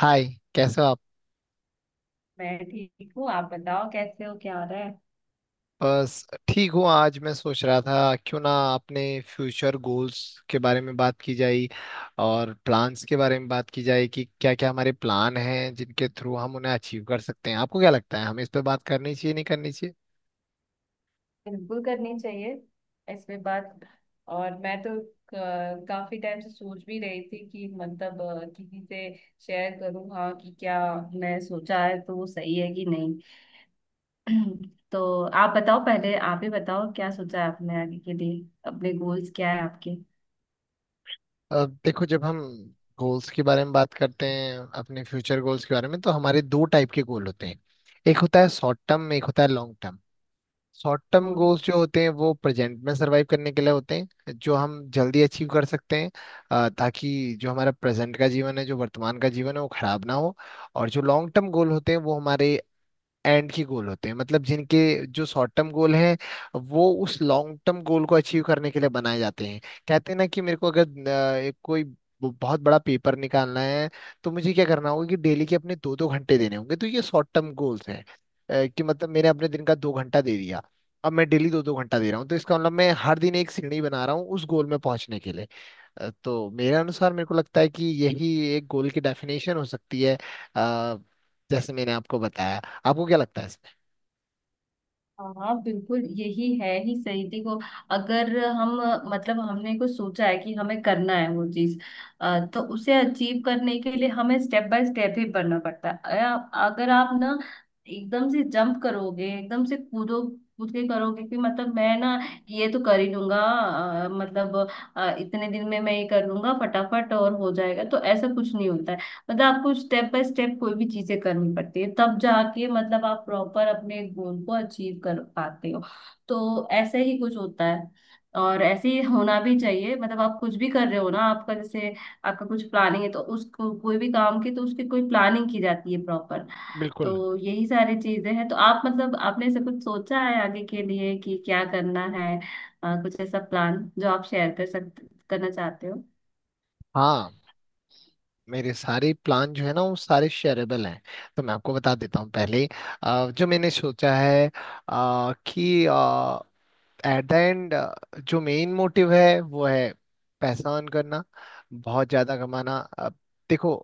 हाय। कैसे हो आप? मैं ठीक हूँ। आप बताओ कैसे हो, क्या हो रहा है। बस ठीक हूँ। आज मैं सोच रहा था, क्यों ना अपने फ्यूचर गोल्स के बारे में बात की जाए, और प्लान्स के बारे में बात की जाए कि क्या क्या हमारे प्लान हैं जिनके थ्रू हम उन्हें अचीव कर सकते हैं। आपको क्या लगता है, हमें इस पे बात करनी चाहिए नहीं करनी चाहिए? बिल्कुल करनी चाहिए इस पे बात। और मैं तो काफी टाइम से सोच भी रही थी कि मतलब किसी से शेयर करूँ, हाँ, कि क्या मैं सोचा है तो वो सही है कि नहीं। तो आप बताओ, पहले आप ही बताओ क्या सोचा है आपने आगे के लिए, अपने गोल्स क्या है आपके। देखो, जब हम गोल्स के बारे में बात करते हैं, अपने फ्यूचर गोल्स के बारे में, तो हमारे दो टाइप के गोल होते हैं। एक होता है शॉर्ट टर्म, एक होता है long term. Short term goals जो होते हैं वो प्रेजेंट में सरवाइव करने के लिए होते हैं, जो हम जल्दी अचीव कर सकते हैं, ताकि जो हमारा प्रेजेंट का जीवन है, जो वर्तमान का जीवन है, वो खराब ना हो। और जो लॉन्ग टर्म गोल होते हैं वो हमारे एंड की गोल होते हैं, मतलब जिनके, जो शॉर्ट टर्म गोल हैं वो उस लॉन्ग टर्म गोल को अचीव करने के लिए बनाए जाते हैं। कहते हैं ना कि मेरे को अगर एक कोई बहुत बड़ा पेपर निकालना है, तो मुझे क्या करना होगा कि डेली के अपने दो दो घंटे देने होंगे। तो ये शॉर्ट टर्म गोल्स हैं। कि मतलब मैंने अपने दिन का दो घंटा दे दिया, अब मैं डेली दो दो घंटा दे रहा हूँ, तो इसका मतलब मैं हर दिन एक सीढ़ी बना रहा हूँ उस गोल में पहुंचने के लिए। तो मेरे अनुसार मेरे को लगता है कि यही एक गोल की डेफिनेशन हो सकती है। अ, जैसे मैंने आपको बताया, आपको क्या लगता है इसमें? हाँ बिल्कुल यही है ही सही। देखो अगर हम मतलब हमने कुछ सोचा है कि हमें करना है वो चीज, तो उसे अचीव करने के लिए हमें स्टेप बाय स्टेप ही बढ़ना पड़ता है। अगर आप ना एकदम से जंप करोगे, एकदम से कूदो, कूद के करोगे कि मतलब मैं ना ये तो कर ही लूंगा, मतलब इतने दिन में मैं ये कर लूंगा फटाफट और हो जाएगा, तो ऐसा कुछ नहीं होता है। मतलब आपको स्टेप बाय स्टेप कोई भी चीजें करनी पड़ती है, तब जाके मतलब आप प्रॉपर अपने गोल को अचीव कर पाते हो। तो ऐसे ही कुछ होता है और ऐसे ही होना भी चाहिए। मतलब आप कुछ भी कर रहे हो ना, आपका जैसे आपका कुछ प्लानिंग है तो उसको कोई भी काम की तो उसकी कोई प्लानिंग की जाती है प्रॉपर। बिल्कुल। तो यही सारी चीजें हैं। तो आप मतलब आपने ऐसा कुछ सोचा है आगे के लिए कि क्या करना है, कुछ ऐसा प्लान जो आप शेयर कर सकते करना चाहते हो। हाँ, मेरे सारे प्लान जो है ना वो सारे शेयरेबल हैं, तो मैं आपको बता देता हूँ पहले ही, जो मैंने सोचा है, कि एट द एंड जो मेन मोटिव है वो है पैसा अर्न करना, बहुत ज्यादा कमाना। देखो,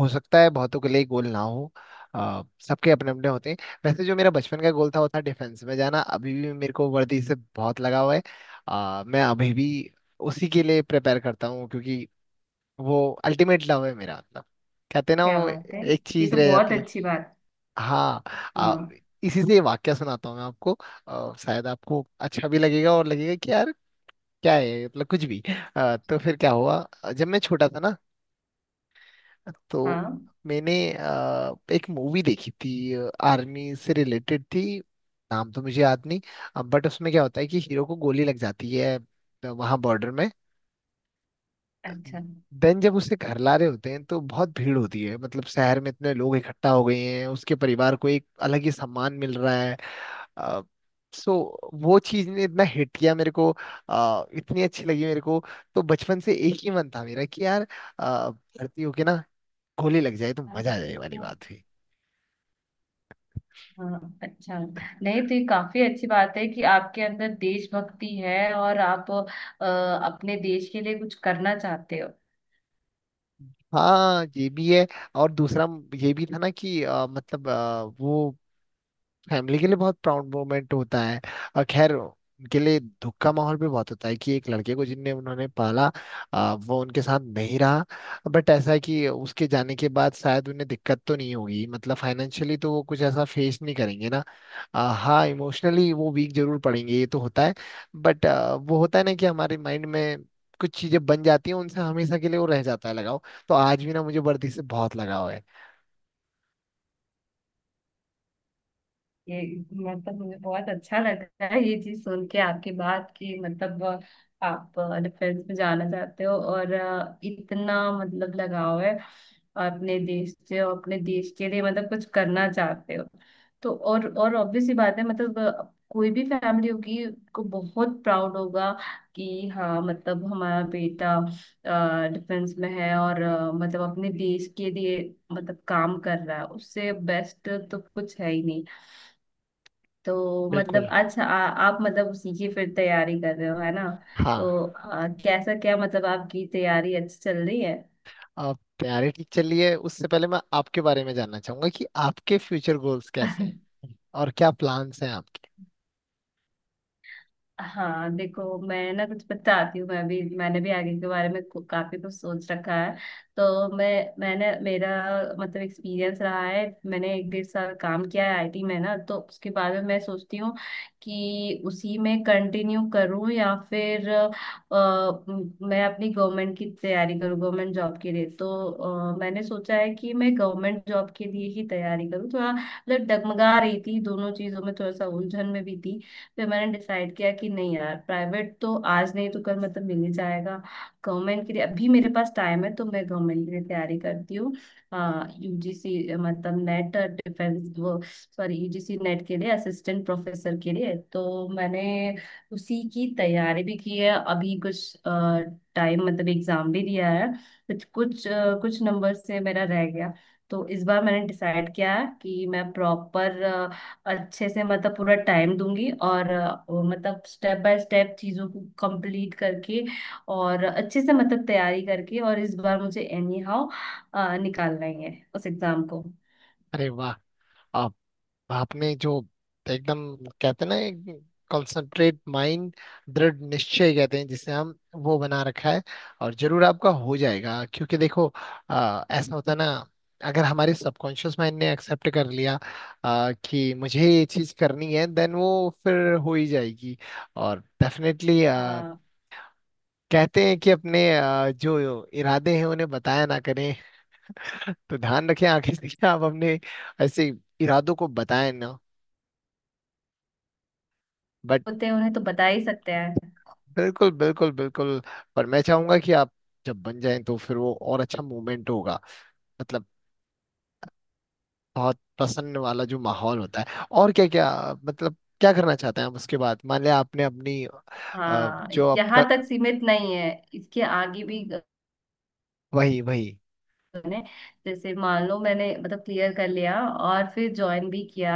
हो सकता है बहुतों के लिए गोल ना हो, अ, सबके अपने अपने होते हैं। वैसे, जो मेरा बचपन का गोल था वो था डिफेंस में जाना। अभी भी मेरे को वर्दी से बहुत लगाव है। मैं अभी भी उसी के लिए प्रिपेयर करता हूँ, क्योंकि वो अल्टीमेट लव है मेरा, मतलब कहते हैं ना क्या वो बात है। एक ये चीज तो रह बहुत जाती है। अच्छी बात। हाँ। अ, हाँ। इसी से ये वाक्य सुनाता हूँ मैं आपको। शायद आपको अच्छा भी लगेगा, और लगेगा कि यार क्या है मतलब कुछ भी। तो फिर क्या हुआ, जब मैं छोटा था ना, तो हाँ मैंने एक मूवी देखी थी, आर्मी से रिलेटेड थी। नाम तो मुझे याद नहीं, बट उसमें क्या होता है कि हीरो को गोली लग जाती है वहां बॉर्डर में। अच्छा। देन जब उसे घर ला रहे होते हैं तो बहुत भीड़ होती है, मतलब शहर में इतने लोग इकट्ठा हो गए हैं, उसके परिवार को एक अलग ही सम्मान मिल रहा है। अ, सो वो चीज ने इतना हिट किया मेरे को, इतनी अच्छी लगी मेरे को, तो बचपन से एक ही मन था मेरा कि यार भर्ती होके ना गोली लग जाए तो मजा आ जाए, वाली बात हुई। हाँ अच्छा। नहीं तो ये काफी अच्छी बात है कि आपके अंदर देशभक्ति है और आप अपने देश के लिए कुछ करना चाहते हो। हाँ, ये भी है। और दूसरा, ये भी था ना कि मतलब वो फैमिली के लिए बहुत प्राउड मोमेंट होता है। और खैर, उनके लिए दुख का माहौल भी बहुत होता है कि एक लड़के को जिनने उन्होंने पाला, वो उनके साथ नहीं रहा। बट ऐसा है कि उसके जाने के बाद शायद उन्हें दिक्कत तो नहीं होगी, मतलब फाइनेंशियली तो वो कुछ ऐसा फेस नहीं करेंगे ना। हाँ, इमोशनली वो वीक जरूर पड़ेंगे, ये तो होता है। बट वो होता है ना कि हमारे माइंड में कुछ चीजें बन जाती हैं, उनसे हमेशा के लिए वो रह जाता है लगाव। तो आज भी ना मुझे वर्दी से बहुत लगाव है। ये मतलब मुझे बहुत अच्छा लग रहा है ये चीज सुन के, आपकी बात की मतलब आप डिफेंस में जाना चाहते हो और इतना मतलब लगाव है अपने देश से, और अपने देश के लिए मतलब कुछ करना चाहते हो। तो और ऑब्वियस सी बात है मतलब कोई भी फैमिली होगी को बहुत प्राउड होगा कि हाँ मतलब हमारा बेटा डिफेंस में है और मतलब अपने देश के लिए मतलब काम कर रहा है। उससे बेस्ट तो कुछ है ही नहीं। तो मतलब बिल्कुल। अच्छा, आप मतलब उसी की फिर तैयारी कर रहे हो है ना। हाँ, तो कैसा क्या मतलब आपकी तैयारी अच्छी चल रही है। आप तैयारी ठीक चल रही है। उससे पहले मैं आपके बारे में जानना चाहूंगा कि आपके फ्यूचर गोल्स कैसे हैं, और क्या प्लान्स हैं आपके। हाँ देखो मैं ना कुछ बताती हूँ, मैं भी मैंने भी आगे के बारे में काफी कुछ सोच रखा है। तो मैं मैंने मेरा मतलब एक्सपीरियंस रहा है। मैंने एक डेढ़ साल काम किया है आईटी में ना। तो उसके बाद में मैं सोचती हूँ कि उसी में कंटिन्यू करूँ या फिर मैं अपनी गवर्नमेंट की तैयारी करूँ, गवर्नमेंट जॉब के लिए। तो मैंने सोचा है कि मैं गवर्नमेंट जॉब के लिए ही तैयारी करूँ। थोड़ा मतलब डगमगा रही थी दोनों चीजों में, थोड़ा सा उलझन में भी थी। फिर मैंने डिसाइड किया कि नहीं यार, प्राइवेट तो आज नहीं तो कल मतलब मिल ही जाएगा। गवर्नमेंट के लिए अभी मेरे पास टाइम है, तो मैं गवर्नमेंट के लिए तैयारी करती हूँ। यूजीसी मतलब नेट डिफेंस वो, सॉरी यूजीसी नेट के लिए, असिस्टेंट प्रोफेसर के लिए। तो मैंने उसी की तैयारी भी की है। अभी कुछ टाइम मतलब एग्जाम भी दिया है। कुछ कुछ कुछ नंबर से मेरा रह गया। तो इस बार मैंने डिसाइड किया है कि मैं प्रॉपर अच्छे से मतलब पूरा टाइम दूंगी, और वो मतलब स्टेप बाय स्टेप चीजों को कंप्लीट करके और अच्छे से मतलब तैयारी करके, और इस बार मुझे एनी हाउ निकालना ही है उस एग्जाम को। अरे वाह! आप, आपने जो एकदम, कहते हैं ना, कंसंट्रेट माइंड, दृढ़ निश्चय कहते हैं जिसे हम, वो बना रखा है। और जरूर आपका हो जाएगा, क्योंकि देखो ऐसा होता है ना, अगर हमारे सबकॉन्शियस माइंड ने एक्सेप्ट कर लिया कि मुझे ये चीज करनी है, देन वो फिर हो ही जाएगी। और डेफिनेटली हाँ कहते हैं कि अपने जो इरादे हैं उन्हें बताया ना करें। तो ध्यान रखें आगे से कि आप अपने ऐसे इरादों को बताएं ना। बट होते हैं उन्हें तो बता ही सकते हैं। बिल्कुल, बिल्कुल, बिल्कुल। पर मैं चाहूंगा कि आप जब बन जाएं तो फिर वो और अच्छा मूवमेंट होगा, मतलब बहुत प्रसन्न वाला जो माहौल होता है। और क्या क्या, मतलब क्या करना चाहते हैं आप उसके बाद, मान लिया आपने अपनी हाँ जो यहाँ आपका, तक सीमित नहीं है। इसके आगे भी, वही वही। मैंने जैसे मान लो मैंने मतलब क्लियर कर लिया और फिर ज्वाइन भी किया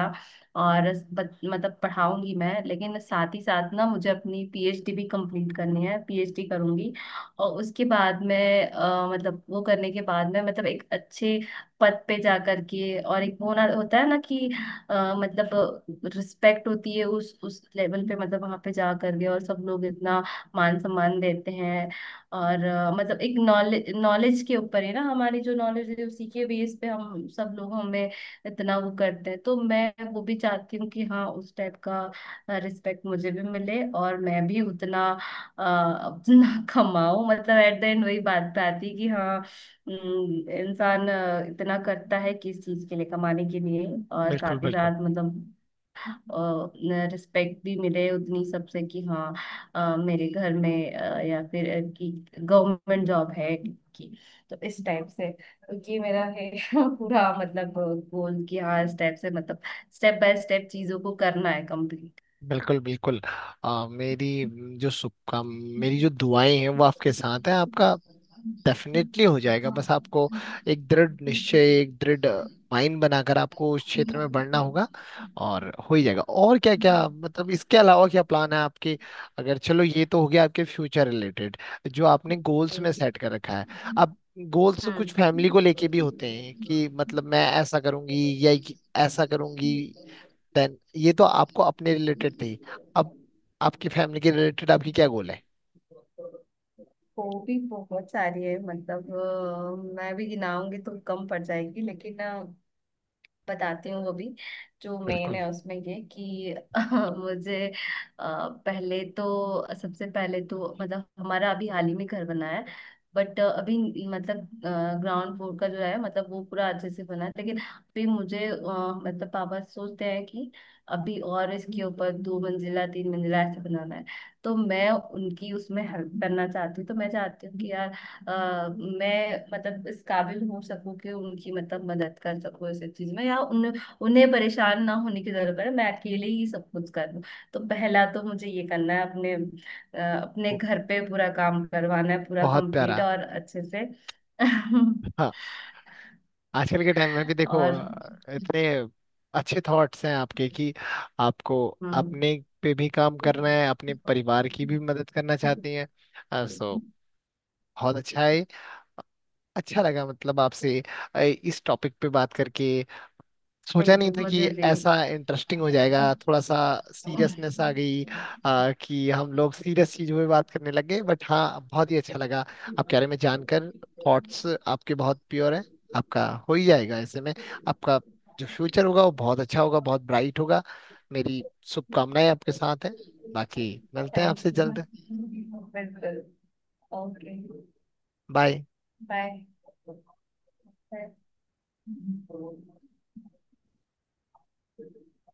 और मतलब पढ़ाऊंगी मैं, लेकिन साथ ही साथ ना मुझे अपनी पीएचडी भी कंप्लीट करनी है, पीएचडी करूंगी। और उसके बाद मैं मतलब वो करने के बाद मैं मतलब एक अच्छे पद पे जा करके, और एक वो ना होता है ना कि मतलब रिस्पेक्ट होती है उस लेवल पे, मतलब वहां पे जा करके। और सब लोग इतना मान सम्मान देते हैं। और मतलब एक नॉलेज, नॉलेज के ऊपर है ना, हमारी जो नॉलेज है उसी के बेस पे हम सब लोग हमें इतना वो करते हैं। तो मैं वो भी चाहती हूँ कि हाँ उस टाइप का रिस्पेक्ट मुझे भी मिले, और मैं भी उतना अपना कमाऊं। मतलब एट द एंड वही बात पे आती है कि हाँ, इंसान इतना करता है किस चीज के लिए, कमाने के लिए। और बिल्कुल, साथ ही बिल्कुल, साथ मतलब रिस्पेक्ट भी मिले उतनी सबसे कि हाँ, मेरे घर में या फिर कि गवर्नमेंट जॉब है कि। तो इस टाइप से तो ये मेरा है पूरा मतलब गोल कि हाँ, इस टाइप से मतलब स्टेप बाय स्टेप चीजों को करना है कंप्लीट। बिल्कुल, बिल्कुल। मेरी जो शुभकाम मेरी जो दुआएं हैं वो आपके साथ हैं। आपका डेफिनेटली हो जाएगा, बस आपको एक दृढ़ निश्चय, एक दृढ़ माइंड बनाकर आपको उस क्षेत्र में बढ़ना होगा, और हो ही जाएगा। और क्या क्या मतलब, इसके अलावा क्या प्लान है आपके? अगर, चलो ये तो हो गया आपके फ्यूचर रिलेटेड जो आपने गोल्स में हम्म। सेट कर रखा है। अब गोल्स कुछ फैमिली हम्म। को लेके भी हॉबी। होते हैं कि मतलब मैं ऐसा करूंगी या ये- ऐसा करूंगी। देन ये तो आपको अपने रिलेटेड थी, अब आपकी फैमिली के रिलेटेड आपकी क्या गोल है? बहुत सारी है, मतलब मैं भी गिनाऊंगी तो कम पड़ जाएगी, लेकिन बताती हूँ वो भी। जो मेन बिल्कुल। है उसमें ये कि मुझे पहले तो, सबसे पहले तो मतलब हमारा अभी हाल ही में घर बना है। बट अभी मतलब ग्राउंड फ्लोर का जो है मतलब वो पूरा अच्छे से बना है, लेकिन अभी मुझे मतलब पापा सोचते हैं कि अभी और इसके ऊपर दो मंजिला तीन मंजिला ऐसे बनाना है। तो मैं उनकी उसमें हेल्प करना चाहती हूँ। तो मैं चाहती हूँ कि यार मैं मतलब इस काबिल हो सकूं कि उनकी मतलब मदद कर सकूं इस चीज में, या उन्हें परेशान ना होने की जरूरत है, मैं अकेले ही सब कुछ कर लूं। तो पहला तो मुझे ये करना है, अपने अपने घर पे पूरा काम करवाना है, पूरा बहुत प्यारा। कंप्लीट और अच्छे से। हाँ। आजकल के टाइम में भी देखो, और इतने अच्छे थॉट्स हैं आपके कि आपको हाँ। अपने पे भी काम करना है, अपने परिवार की भी मदद करना चाहती हैं। सो बहुत अच्छा है। अच्छा लगा, मतलब आपसे इस टॉपिक पे बात करके। सोचा नहीं बिल्कुल। था कि मुझे भी। ऐसा इंटरेस्टिंग हो जाएगा। थोड़ा सा सीरियसनेस आ गई कि हम लोग सीरियस चीजों पे बात करने लग गए, बट हाँ, बहुत ही अच्छा लगा आपके बारे में जानकर। थॉट्स आपके बहुत प्योर हैं, आपका हो ही जाएगा ऐसे में। आपका जो फ्यूचर होगा वो बहुत अच्छा होगा, बहुत ब्राइट होगा। मेरी शुभकामनाएं आपके साथ हैं। बाकी मिलते हैं थैंक आपसे जल्द। यू। बिल्कुल। ओके। बाय। झाल। झाल। झाल।